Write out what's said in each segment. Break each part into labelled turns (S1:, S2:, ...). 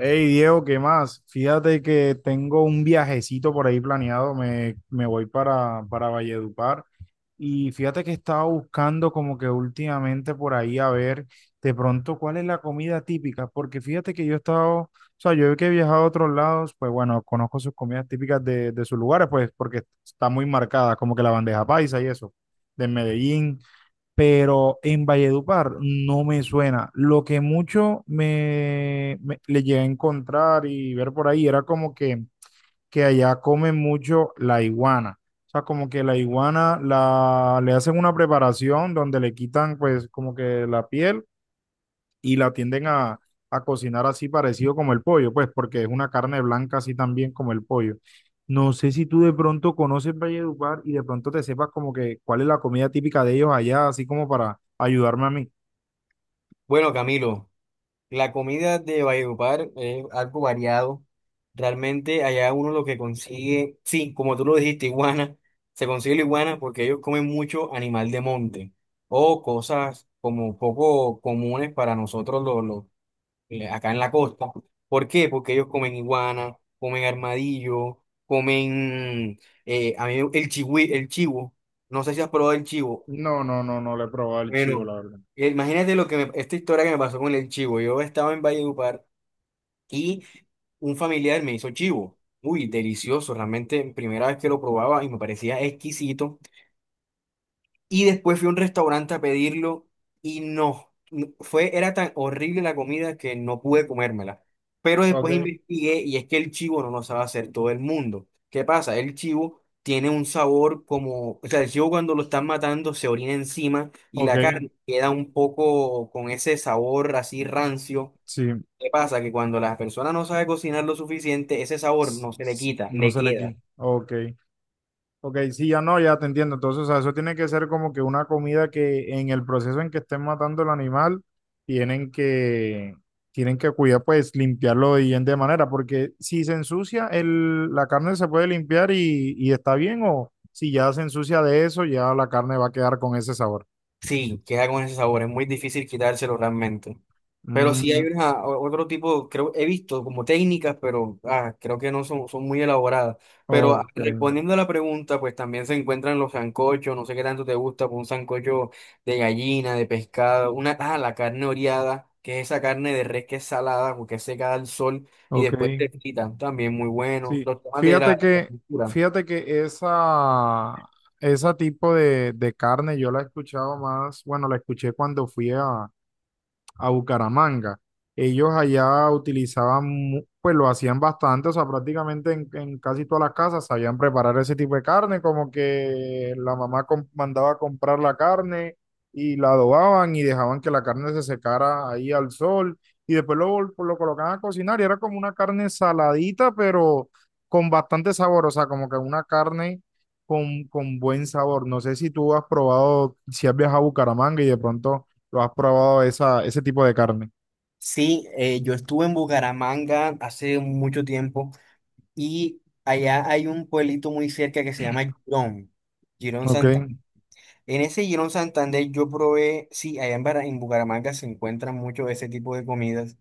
S1: Hey Diego, ¿qué más? Fíjate que tengo un viajecito por ahí planeado, me voy para Valledupar y fíjate que estaba buscando como que últimamente por ahí a ver de pronto cuál es la comida típica, porque fíjate que yo he estado, o sea, yo que he viajado a otros lados, pues bueno, conozco sus comidas típicas de sus lugares, pues porque está muy marcada, como que la bandeja paisa y eso, de Medellín pero en Valledupar no me suena. Lo que mucho le llegué a encontrar y ver por ahí era como que allá comen mucho la iguana. O sea, como que la iguana le hacen una preparación donde le quitan pues como que la piel y la tienden a cocinar así parecido como el pollo, pues porque es una carne blanca así también como el pollo. No sé si tú de pronto conoces Valledupar y de pronto te sepas como que cuál es la comida típica de ellos allá, así como para ayudarme a mí.
S2: Bueno, Camilo, la comida de Valledupar es algo variado. Realmente allá uno lo que consigue, sí, como tú lo dijiste, iguana, se consigue la iguana porque ellos comen mucho animal de monte o cosas como poco comunes para nosotros acá en la costa. ¿Por qué? Porque ellos comen iguana, comen armadillo, comen a mí el el chivo. No sé si has probado el chivo.
S1: No, no, no, no le he probado el chivo,
S2: Bueno,
S1: la verdad.
S2: imagínate esta historia que me pasó con el chivo. Yo estaba en Valledupar y un familiar me hizo chivo. Uy, delicioso, realmente primera vez que lo probaba y me parecía exquisito. Y después fui a un restaurante a pedirlo y fue, era tan horrible la comida que no pude comérmela. Pero después
S1: Ok.
S2: investigué y es que el chivo no lo sabe hacer todo el mundo. ¿Qué pasa? El chivo tiene un sabor o sea, el chivo cuando lo están matando se orina encima y
S1: Ok,
S2: la carne queda un poco con ese sabor así rancio.
S1: sí,
S2: ¿Qué pasa? Que cuando la persona no sabe cocinar lo suficiente, ese sabor no se le quita,
S1: no
S2: le
S1: sé le
S2: queda.
S1: quién. Ok. Ok, sí, ya no, ya te entiendo. Entonces, o sea, eso tiene que ser como que una comida que en el proceso en que estén matando el animal, tienen que, tienen que cuidar, pues, limpiarlo de bien de manera, porque si se ensucia, el, la carne se puede limpiar y está bien, o si ya se ensucia de eso, ya la carne va a quedar con ese sabor.
S2: Sí, queda con ese sabor, es muy difícil quitárselo realmente. Pero sí hay
S1: Mm,
S2: otro tipo, creo, he visto como técnicas, pero creo que no son, son muy elaboradas. Pero
S1: ok,
S2: respondiendo a la pregunta, pues también se encuentran los sancochos, no sé qué tanto te gusta, pues un sancocho de gallina, de pescado, la carne oreada, que es esa carne de res que es salada, porque es secada al sol y
S1: ok.
S2: después te fritan, también muy bueno.
S1: Sí,
S2: Los temas de la cultura.
S1: fíjate que esa, ese tipo de carne yo la he escuchado más, bueno, la escuché cuando fui a Bucaramanga. Ellos allá utilizaban, pues lo hacían bastante, o sea, prácticamente en casi todas las casas sabían preparar ese tipo de carne, como que la mamá mandaba a comprar la carne y la adobaban y dejaban que la carne se secara ahí al sol y después lo colocaban a cocinar y era como una carne saladita, pero con bastante sabor, o sea, como que una carne con buen sabor. No sé si tú has probado, si has viajado a Bucaramanga y de pronto lo has probado esa, ese tipo de carne.
S2: Sí, yo estuve en Bucaramanga hace mucho tiempo. Y allá hay un pueblito muy cerca que se llama Girón, Girón
S1: Ok.
S2: Santander. En ese Girón Santander yo probé, sí, en Bucaramanga se encuentran mucho ese tipo de comidas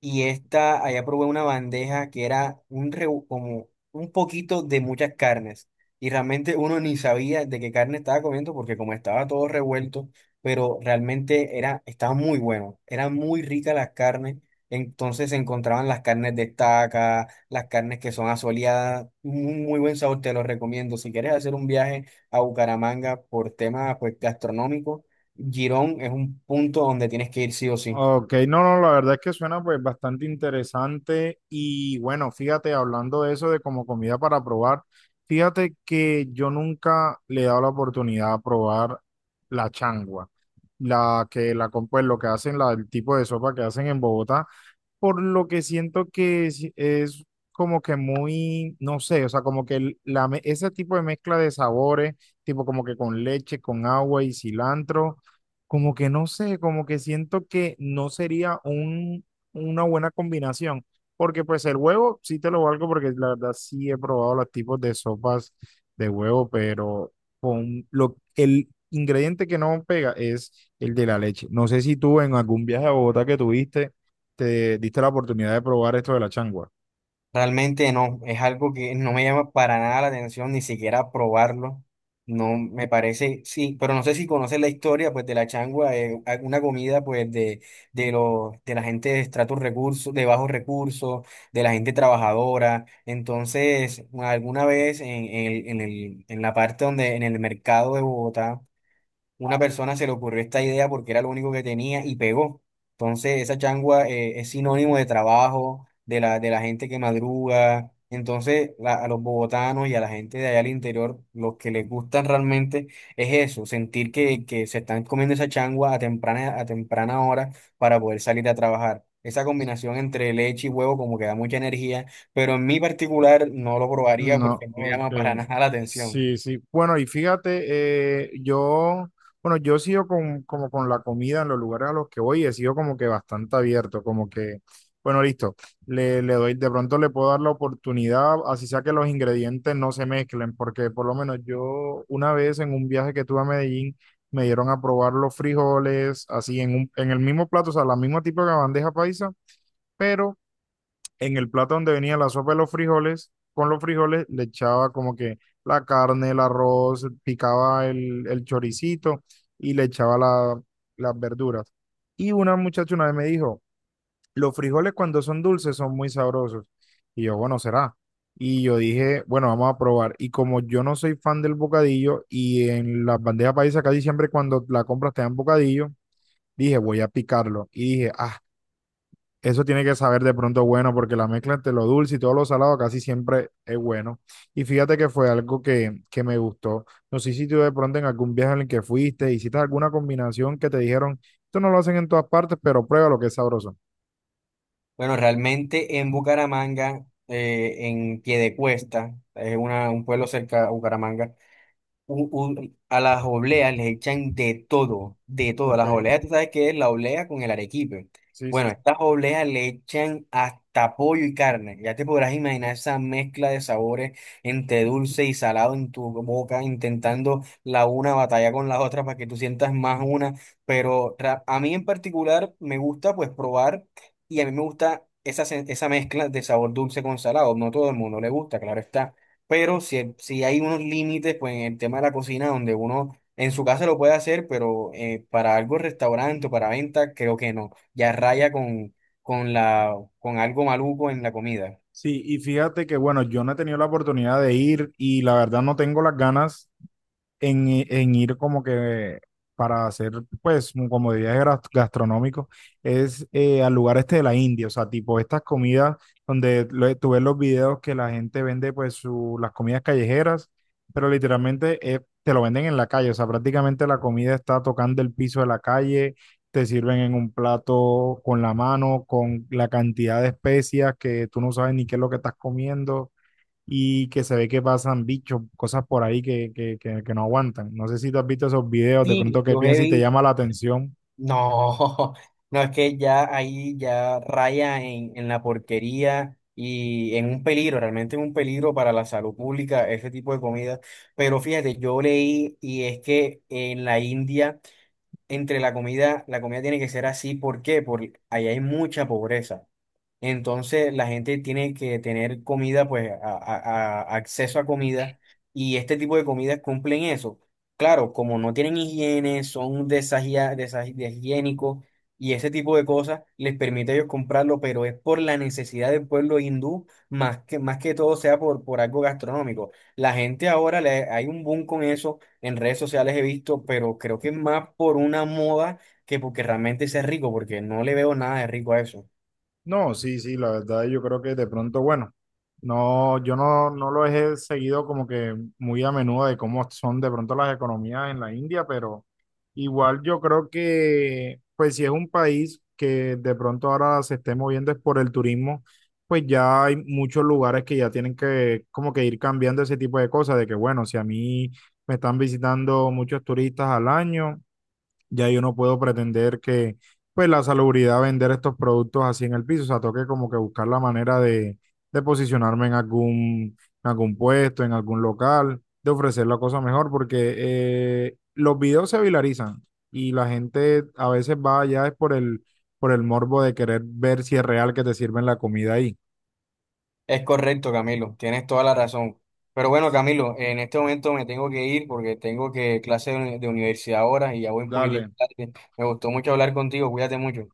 S2: y esta, allá probé una bandeja que era como un poquito de muchas carnes. Y realmente uno ni sabía de qué carne estaba comiendo porque como estaba todo revuelto, pero realmente era, estaba muy bueno. Eran muy ricas las carnes. Entonces se encontraban las carnes de estaca, las carnes que son asoleadas. Un muy buen sabor, te lo recomiendo. Si quieres hacer un viaje a Bucaramanga por temas pues, gastronómicos, Girón es un punto donde tienes que ir sí o sí.
S1: Ok, no, no, la verdad es que suena pues bastante interesante y bueno, fíjate, hablando de eso de como comida para probar, fíjate que yo nunca le he dado la oportunidad a probar la changua, la que la, pues lo que hacen, la, el tipo de sopa que hacen en Bogotá, por lo que siento que es como que muy, no sé, o sea, como que la, ese tipo de mezcla de sabores, tipo como que con leche, con agua y cilantro, como que no sé, como que siento que no sería un, una buena combinación, porque pues el huevo sí te lo valgo porque la verdad sí he probado los tipos de sopas de huevo, pero con lo, el ingrediente que no pega es el de la leche. No sé si tú en algún viaje a Bogotá que tuviste te diste la oportunidad de probar esto de la changua.
S2: Realmente no, es algo que no me llama para nada la atención, ni siquiera probarlo. No me parece, sí, pero no sé si conoces la historia pues de la changua, una comida pues de los de la gente de estratos recursos, de bajos recursos, de la gente trabajadora. Entonces, alguna vez en la parte donde, en el mercado de Bogotá, una persona se le ocurrió esta idea porque era lo único que tenía y pegó. Entonces, esa changua es sinónimo de trabajo, de de la gente que madruga. Entonces, a los bogotanos y a la gente de allá al interior, los que les gusta realmente es eso, sentir que se están comiendo esa changua a a temprana hora para poder salir a trabajar. Esa combinación entre leche y huevo como que da mucha energía, pero en mi particular no lo probaría
S1: No,
S2: porque no me
S1: ok.
S2: llama para nada la atención.
S1: Sí, sí. Bueno, y fíjate, yo, bueno, yo sigo con, como con la comida en los lugares a los que voy, he sido como que bastante abierto, como que, bueno, listo, le doy, de pronto le puedo dar la oportunidad, así sea que los ingredientes no se mezclen, porque por lo menos yo una vez en un viaje que tuve a Medellín, me dieron a probar los frijoles, así en un, en el mismo plato, o sea, la misma tipo de bandeja paisa, pero en el plato donde venía la sopa de los frijoles, con los frijoles le echaba como que la carne, el arroz, picaba el choricito y le echaba las verduras. Y una muchacha una vez me dijo, los frijoles cuando son dulces son muy sabrosos. Y yo, bueno, será. Y yo dije, bueno, vamos a probar. Y como yo no soy fan del bocadillo y en las bandejas paisas casi siempre cuando la compras te dan bocadillo, dije, voy a picarlo. Y dije, ah, eso tiene que saber de pronto bueno, porque la mezcla entre lo dulce y todo lo salado casi siempre es bueno. Y fíjate que fue algo que me gustó. No sé si tú de pronto en algún viaje en el que fuiste, hiciste alguna combinación que te dijeron, esto no lo hacen en todas partes, pero prueba lo que es sabroso.
S2: Bueno, realmente en Bucaramanga, en Piedecuesta, es un pueblo cerca a Bucaramanga, a las obleas les echan de todo, de todo. Las
S1: Ok,
S2: obleas, tú sabes qué es la oblea con el arequipe.
S1: sí,
S2: Bueno,
S1: sí.
S2: estas obleas le echan hasta pollo y carne. Ya te podrás imaginar esa mezcla de sabores entre dulce y salado en tu boca, intentando la una batalla con la otra para que tú sientas más una. Pero a mí en particular me gusta pues probar y a mí me gusta esa mezcla de sabor dulce con salado. No todo el mundo le gusta, claro está, pero si, si hay unos límites, pues en el tema de la cocina, donde uno en su casa lo puede hacer, pero para algo restaurante o para venta, creo que no. Ya raya con con algo maluco en la comida.
S1: Sí, y fíjate que bueno, yo no he tenido la oportunidad de ir y la verdad no tengo las ganas en ir como que para hacer, pues, como de viajes gastronómicos, es al lugar este de la India, o sea, tipo estas comidas donde tú ves los videos que la gente vende, pues, las comidas callejeras, pero literalmente te lo venden en la calle, o sea, prácticamente la comida está tocando el piso de la calle, te sirven en un plato con la mano, con la cantidad de especias que tú no sabes ni qué es lo que estás comiendo y que se ve que pasan bichos, cosas por ahí que no aguantan. No sé si tú has visto esos videos, de
S2: Sí,
S1: pronto qué piensas y te llama la atención.
S2: no, no es que ya ahí ya raya en la porquería y en un peligro, realmente en un peligro para la salud pública, ese tipo de comida. Pero fíjate, yo leí y es que en la India entre la comida tiene que ser así. ¿Por qué? Porque ahí hay mucha pobreza. Entonces la gente tiene que tener comida, pues acceso a comida y este tipo de comidas cumplen eso. Claro, como no tienen higiene, son deshigiénicos y ese tipo de cosas les permite a ellos comprarlo, pero es por la necesidad del pueblo hindú, más que todo sea por algo gastronómico. La gente ahora le, hay un boom con eso, en redes sociales he visto, pero creo que es más por una moda que porque realmente sea rico, porque no le veo nada de rico a eso.
S1: No, sí, sí, la verdad yo creo que de pronto, bueno, no, yo no, no lo he seguido como que muy a menudo de cómo son de pronto las economías en la India, pero igual yo creo que, pues si es un país que de pronto ahora se esté moviendo es por el turismo, pues ya hay muchos lugares que ya tienen que como que ir cambiando ese tipo de cosas, de que bueno, si a mí me están visitando muchos turistas al año ya yo no puedo pretender que, pues, la salubridad vender estos productos así en el piso. O sea, toque como que buscar la manera de posicionarme en algún puesto, en algún local, de ofrecer la cosa mejor, porque los videos se viralizan y la gente a veces va allá es por el morbo de querer ver si es real que te sirven la comida ahí.
S2: Es correcto, Camilo, tienes toda la razón. Pero bueno,
S1: Sí.
S2: Camilo, en este momento me tengo que ir porque tengo que clase de de universidad ahora y ya voy un
S1: Dale.
S2: poquitito tarde. Me gustó mucho hablar contigo, cuídate mucho.